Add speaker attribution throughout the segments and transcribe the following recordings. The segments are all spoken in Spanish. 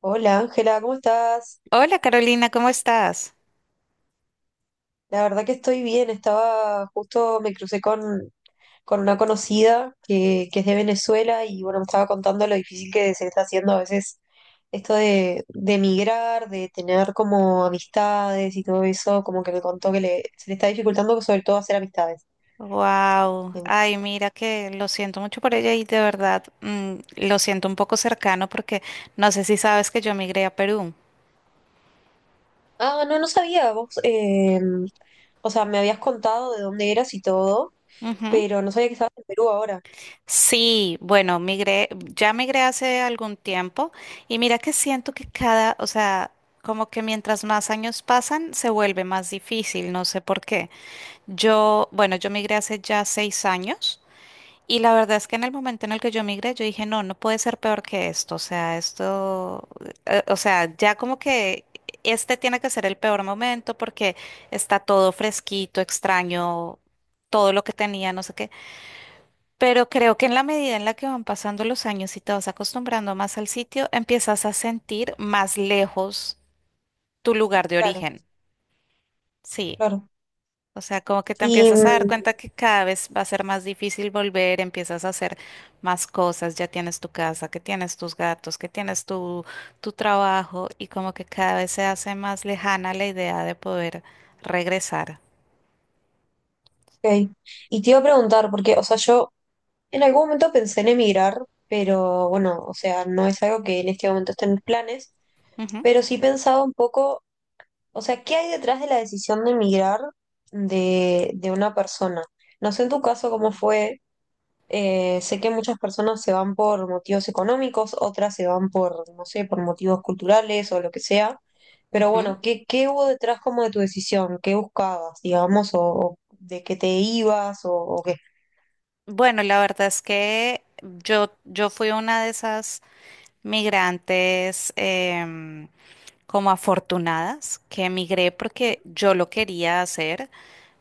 Speaker 1: Hola Ángela, ¿cómo estás?
Speaker 2: Hola Carolina, ¿cómo estás?
Speaker 1: La verdad que estoy bien, estaba justo, me crucé con una conocida que es de Venezuela y bueno, me estaba contando lo difícil que se está haciendo a veces esto de emigrar, de tener como amistades y todo eso, como que me contó que se le está dificultando sobre todo hacer amistades.
Speaker 2: Wow,
Speaker 1: Em,
Speaker 2: ay, mira que lo siento mucho por ella y de verdad lo siento un poco cercano porque no sé si sabes que yo migré a Perú.
Speaker 1: Ah, no, no sabía, vos, o sea, me habías contado de dónde eras y todo,
Speaker 2: Ujú.
Speaker 1: pero no sabía que estabas en Perú ahora.
Speaker 2: Sí, bueno, ya migré hace algún tiempo y mira que siento que cada, o sea, como que mientras más años pasan se vuelve más difícil, no sé por qué. Bueno, yo migré hace ya 6 años. Y la verdad es que en el momento en el que yo migré, yo dije, no, no puede ser peor que esto. O sea, esto, o sea, ya como que este tiene que ser el peor momento porque está todo fresquito, extraño, todo lo que tenía, no sé qué. Pero creo que en la medida en la que van pasando los años y te vas acostumbrando más al sitio, empiezas a sentir más lejos tu lugar de
Speaker 1: Claro,
Speaker 2: origen. Sí.
Speaker 1: claro.
Speaker 2: O sea, como que te
Speaker 1: Y
Speaker 2: empiezas a dar
Speaker 1: mm,
Speaker 2: cuenta que cada vez va a ser más difícil volver, empiezas a hacer más cosas, ya tienes tu casa, que tienes tus gatos, que tienes tu trabajo y como que cada vez se hace más lejana la idea de poder regresar.
Speaker 1: Ok. Y te iba a preguntar, porque, o sea, yo en algún momento pensé en emigrar, pero bueno, o sea, no es algo que en este momento esté en mis planes,
Speaker 2: Ujú,
Speaker 1: pero sí pensaba un poco, o sea, ¿qué hay detrás de la decisión de emigrar de una persona? No sé en tu caso cómo fue, sé que muchas personas se van por motivos económicos, otras se van por, no sé, por motivos culturales o lo que sea, pero
Speaker 2: ujú.
Speaker 1: bueno, ¿qué hubo detrás como de tu decisión? ¿Qué buscabas, digamos, o de qué te ibas o qué?
Speaker 2: Bueno, la verdad es que yo fui una de esas migrantes como afortunadas que emigré porque yo lo quería hacer.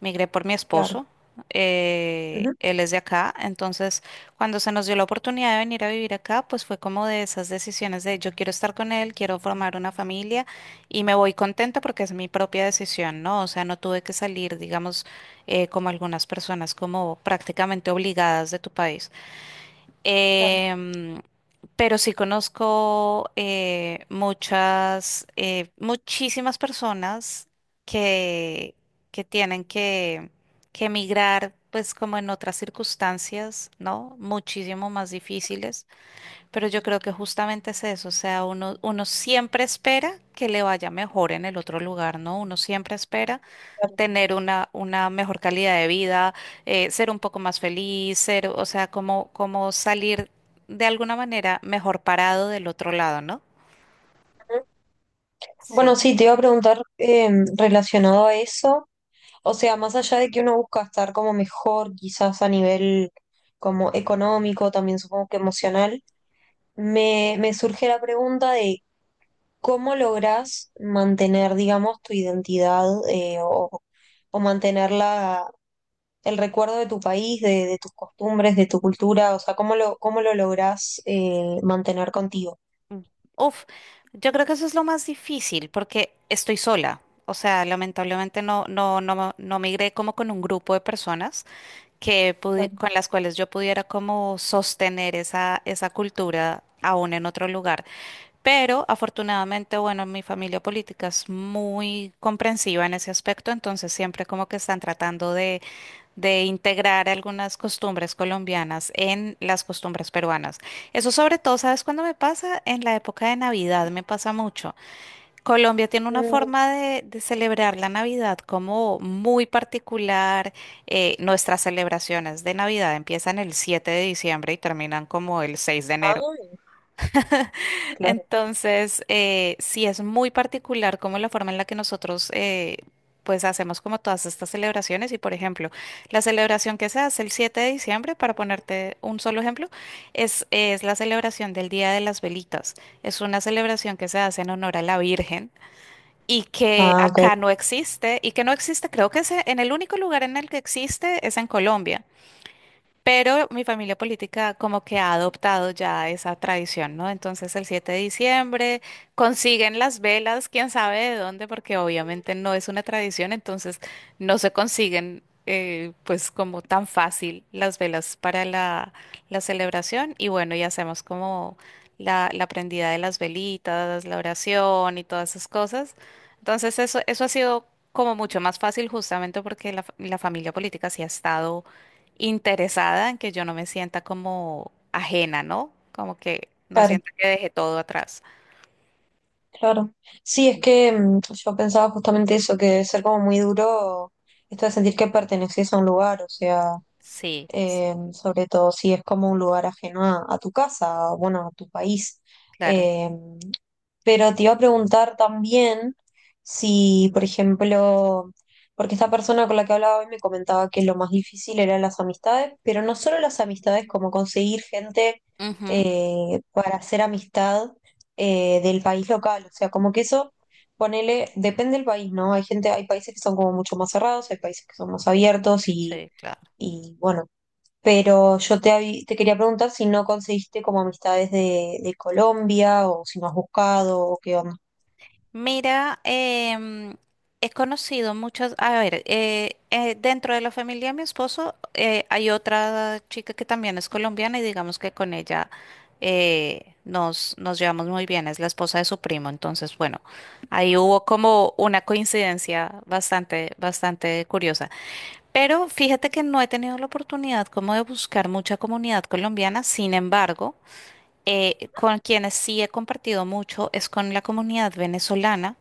Speaker 2: Migré por mi
Speaker 1: Claro.
Speaker 2: esposo.
Speaker 1: Ujú.
Speaker 2: Él es de acá, entonces cuando se nos dio la oportunidad de venir a vivir acá, pues fue como de esas decisiones de yo quiero estar con él, quiero formar una familia y me voy contenta porque es mi propia decisión, ¿no? O sea, no tuve que salir, digamos, como algunas personas, como prácticamente obligadas de tu país.
Speaker 1: Claro,
Speaker 2: Em, pero sí conozco muchas, muchísimas personas que, que tienen que, que emigrar, pues como en otras circunstancias, ¿no? Muchísimo más difíciles, pero yo creo que justamente es eso, o sea, uno siempre espera que le vaya mejor en el otro lugar, ¿no? Uno siempre espera
Speaker 1: claro.
Speaker 2: tener una mejor calidad de vida, ser un poco más feliz, ser, o sea, como salir de alguna manera mejor parado del otro lado, ¿no?
Speaker 1: Ujú. Bueno,
Speaker 2: Sí.
Speaker 1: sí, te iba a preguntar relacionado a eso, o sea, más allá de que uno busca estar como mejor, quizás a nivel como económico, también supongo que emocional, me surge la pregunta de cómo lográs mantener, digamos, tu identidad o mantener el recuerdo de tu país, de tus costumbres, de tu cultura, o sea, cómo lo lográs mantener contigo.
Speaker 2: Uf, yo creo que eso es lo más difícil porque estoy sola. O sea, lamentablemente no, no, no, no migré como con un grupo de personas que
Speaker 1: Claro.
Speaker 2: con las cuales yo pudiera como sostener esa cultura aún en otro lugar. Pero afortunadamente, bueno, mi familia política es muy comprensiva en ese aspecto, entonces siempre como que están tratando de integrar algunas costumbres colombianas en las costumbres peruanas. Eso sobre todo, ¿sabes cuándo me pasa? En la época de Navidad me pasa mucho. Colombia tiene una
Speaker 1: Mm,
Speaker 2: forma de celebrar la Navidad como muy particular. Nuestras celebraciones de Navidad empiezan el 7 de diciembre y terminan como el 6 de enero.
Speaker 1: ah, claro.
Speaker 2: Entonces, sí es muy particular como la forma en la que nosotros pues hacemos como todas estas celebraciones y por ejemplo, la celebración que se hace el 7 de diciembre, para ponerte un solo ejemplo, es la celebración del Día de las Velitas. Es una celebración que se hace en honor a la Virgen y que
Speaker 1: Ah, ok,
Speaker 2: acá no existe y que no existe, creo que es en el único lugar en el que existe es en Colombia. Pero mi familia política como que ha adoptado ya esa tradición, ¿no? Entonces el 7 de diciembre consiguen las velas, quién sabe de dónde, porque obviamente no es una tradición, entonces no se consiguen pues como tan fácil las velas para la celebración. Y bueno, y hacemos como la prendida de las velitas, la oración y todas esas cosas. Entonces eso ha sido como mucho más fácil justamente porque la familia política sí ha estado interesada en que yo no me sienta como ajena, ¿no? Como que no
Speaker 1: claro,
Speaker 2: sienta que dejé todo atrás.
Speaker 1: claro. Sí, es que yo pensaba justamente eso, que debe ser como muy duro esto de sentir que perteneces a un lugar, o sea.
Speaker 2: Sí,
Speaker 1: Sobre todo si es como un lugar ajeno a tu casa, o, bueno, a tu país.
Speaker 2: claro.
Speaker 1: Em, pero te iba a preguntar también si, por ejemplo, porque esta persona con la que hablaba hoy me comentaba que lo más difícil eran las amistades, pero no solo las amistades, como conseguir gente
Speaker 2: Ujú,
Speaker 1: para hacer amistad del país local. O sea, como que eso, ponele, depende del país, ¿no? Hay gente, hay países que son como mucho más cerrados, hay países que son más abiertos y,
Speaker 2: sí, claro.
Speaker 1: y bueno. Pero yo te quería preguntar si no conseguiste como amistades de Colombia o si no has buscado o qué onda.
Speaker 2: Mira, he conocido muchas, a ver, dentro de la familia de mi esposo hay otra chica que también es colombiana y digamos que con ella nos llevamos muy bien, es la esposa de su primo, entonces bueno, ahí
Speaker 1: Ah,
Speaker 2: hubo como una coincidencia bastante, bastante curiosa. Pero fíjate que no he tenido la oportunidad como de buscar mucha comunidad colombiana, sin embargo, con quienes sí he compartido mucho es con la comunidad venezolana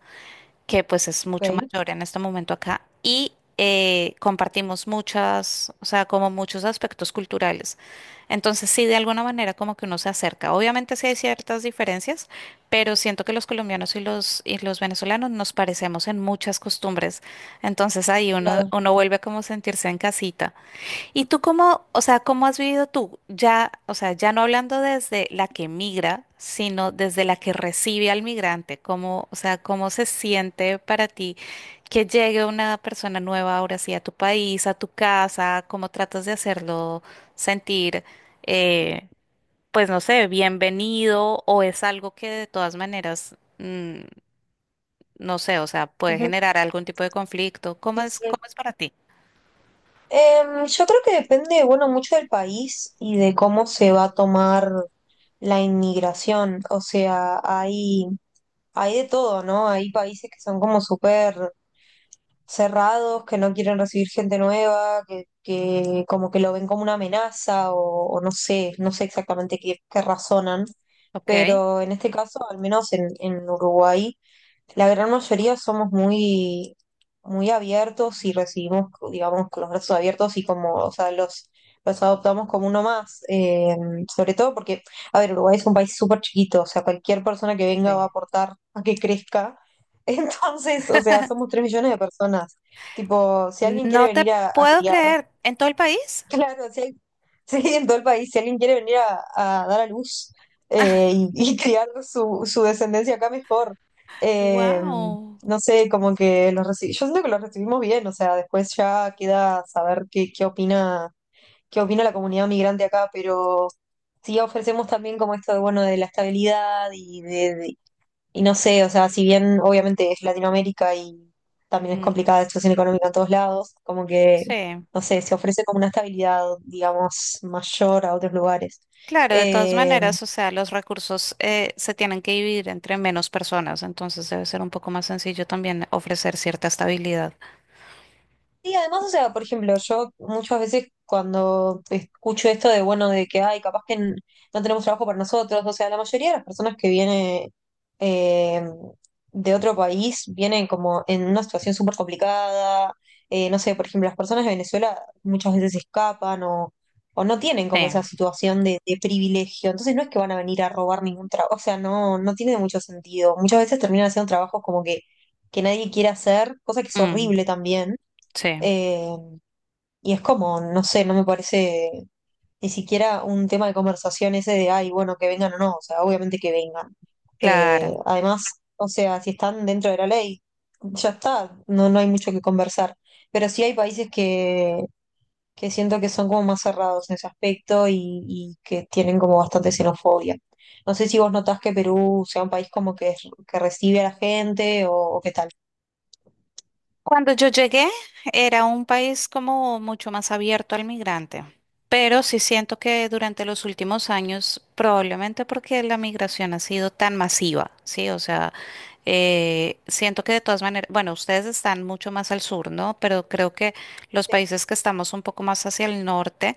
Speaker 2: que pues es mucho
Speaker 1: ok,
Speaker 2: mayor en este momento acá, y compartimos muchas, o sea, como muchos aspectos culturales. Entonces sí, de alguna manera como que uno se acerca. Obviamente sí hay ciertas diferencias, pero siento que los colombianos y los venezolanos nos parecemos en muchas costumbres. Entonces ahí
Speaker 1: claro.
Speaker 2: uno vuelve como a sentirse en casita. ¿Y tú cómo, o sea, cómo has vivido tú, ya, o sea, ya no hablando desde la que migra, sino desde la que recibe al migrante? ¿Cómo, o sea, cómo se siente para ti que llegue una persona nueva ahora sí a tu país, a tu casa? ¿Cómo tratas de hacerlo sentir, eh, pues no sé, bienvenido o es algo que de todas maneras, no sé, o sea, puede
Speaker 1: Ujú,
Speaker 2: generar algún tipo de conflicto?
Speaker 1: sí, sí.
Speaker 2: Cómo es para ti?
Speaker 1: Yo creo que depende, bueno, mucho del país y de cómo se va a tomar la inmigración. O sea, hay de todo, ¿no? Hay países que son como súper cerrados, que no quieren recibir gente nueva, que como que lo ven como una amenaza o no sé exactamente qué razonan,
Speaker 2: Ok,
Speaker 1: pero en este caso, al menos en Uruguay, la gran mayoría somos muy, muy abiertos y recibimos, digamos, con los brazos abiertos y como, o sea, los adoptamos como uno más, sobre todo porque, a ver, Uruguay es un país súper chiquito, o sea, cualquier persona que venga va a
Speaker 2: sí.
Speaker 1: aportar a que crezca. Entonces, o sea, somos 3 millones de personas. Tipo, si alguien quiere
Speaker 2: No te
Speaker 1: venir a
Speaker 2: puedo
Speaker 1: criar.
Speaker 2: creer. ¿En todo el país?
Speaker 1: Claro, si. Si en todo el país, si alguien quiere venir a dar a luz y, y criar su descendencia acá mejor. Eh,
Speaker 2: Wow.
Speaker 1: no sé, como que los recibimos, yo siento que los recibimos bien, o sea, después ya queda saber qué opina la comunidad migrante acá, pero sí ofrecemos también como esto de, bueno, de la estabilidad y no sé, o sea, si bien obviamente es Latinoamérica y también es
Speaker 2: Mm,
Speaker 1: complicada la situación económica en todos lados, como que,
Speaker 2: sí,
Speaker 1: no sé, se ofrece como una estabilidad, digamos, mayor a otros lugares.
Speaker 2: claro, de todas
Speaker 1: Eh,
Speaker 2: maneras, o sea, los recursos se tienen que dividir entre menos personas, entonces debe ser un poco más sencillo también ofrecer cierta estabilidad.
Speaker 1: Sí, además, o sea, por ejemplo, yo muchas veces cuando escucho esto de, bueno, de que, ay, capaz que no tenemos trabajo para nosotros, o sea, la mayoría de las personas que viene eh, de otro país vienen como en una situación súper complicada, no sé, por ejemplo, las personas de Venezuela muchas veces escapan o no tienen como
Speaker 2: Sí,
Speaker 1: esa situación de privilegio, entonces no es que van a venir a robar ningún trabajo, o sea, no, no tiene mucho sentido. Muchas veces terminan haciendo trabajos como que nadie quiere hacer, cosa que es
Speaker 2: mm,
Speaker 1: horrible también
Speaker 2: sí,
Speaker 1: eh, y es como, no sé, no me parece ni siquiera un tema de conversación ese de, ay, bueno, que vengan o no, o sea, obviamente que vengan.
Speaker 2: claro.
Speaker 1: Además, o sea, si están dentro de la ley, ya está, no, no hay mucho que conversar. Pero sí hay países que siento que son como más cerrados en ese aspecto y que tienen como bastante xenofobia. No sé si vos notás que Perú sea un país como que recibe a la gente o qué tal.
Speaker 2: Cuando yo llegué, era un país como mucho más abierto al migrante, pero sí siento que durante los últimos años, probablemente porque la migración ha sido tan masiva, ¿sí? O sea, siento que de todas maneras, bueno, ustedes están mucho más al sur, ¿no? Pero creo que los
Speaker 1: Sí,
Speaker 2: países que estamos un poco más hacia el norte,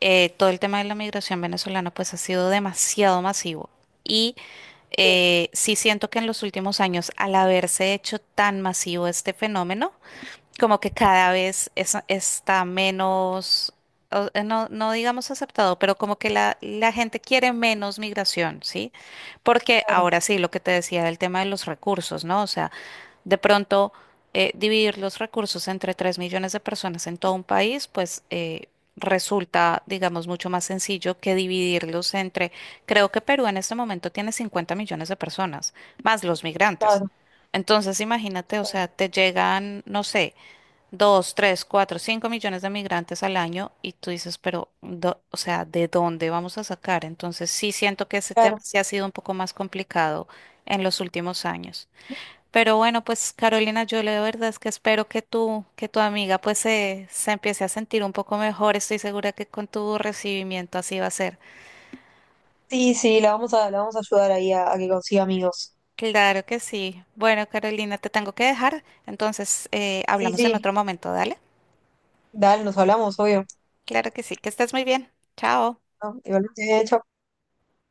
Speaker 2: todo el tema de la migración venezolana pues ha sido demasiado masivo. Y
Speaker 1: sí,
Speaker 2: sí siento que en los últimos años, al haberse hecho tan masivo este fenómeno, como que cada vez está menos, no, no digamos aceptado, pero como que la gente quiere menos migración, ¿sí? Porque
Speaker 1: claro,
Speaker 2: ahora sí, lo que te decía del tema de los recursos, ¿no? O sea, de pronto dividir los recursos entre 3 millones de personas en todo un país, pues resulta, digamos, mucho más sencillo que dividirlos entre, creo que Perú en este momento tiene 50 millones de personas, más los migrantes.
Speaker 1: claro,
Speaker 2: Entonces, imagínate, o
Speaker 1: claro,
Speaker 2: sea, te llegan, no sé dos, tres, cuatro, cinco millones de migrantes al año y tú dices, pero, o sea, ¿de dónde vamos a sacar? Entonces sí siento que ese tema
Speaker 1: claro.
Speaker 2: sí ha sido un poco más complicado en los últimos años. Pero bueno, pues Carolina, yo la verdad es que espero que tú, que tu amiga pues se empiece a sentir un poco mejor. Estoy segura que con tu recibimiento así va a ser.
Speaker 1: Sí, sí, la vamos a ayudar ahí a que consiga amigos.
Speaker 2: Claro que sí. Bueno, Carolina, te tengo que dejar. Entonces,
Speaker 1: Sí,
Speaker 2: hablamos en
Speaker 1: sí,
Speaker 2: otro momento, ¿dale?
Speaker 1: dale, nos hablamos, obvio.
Speaker 2: Claro que sí, que estés muy bien. Chao.
Speaker 1: ¿No? Igualmente, chau.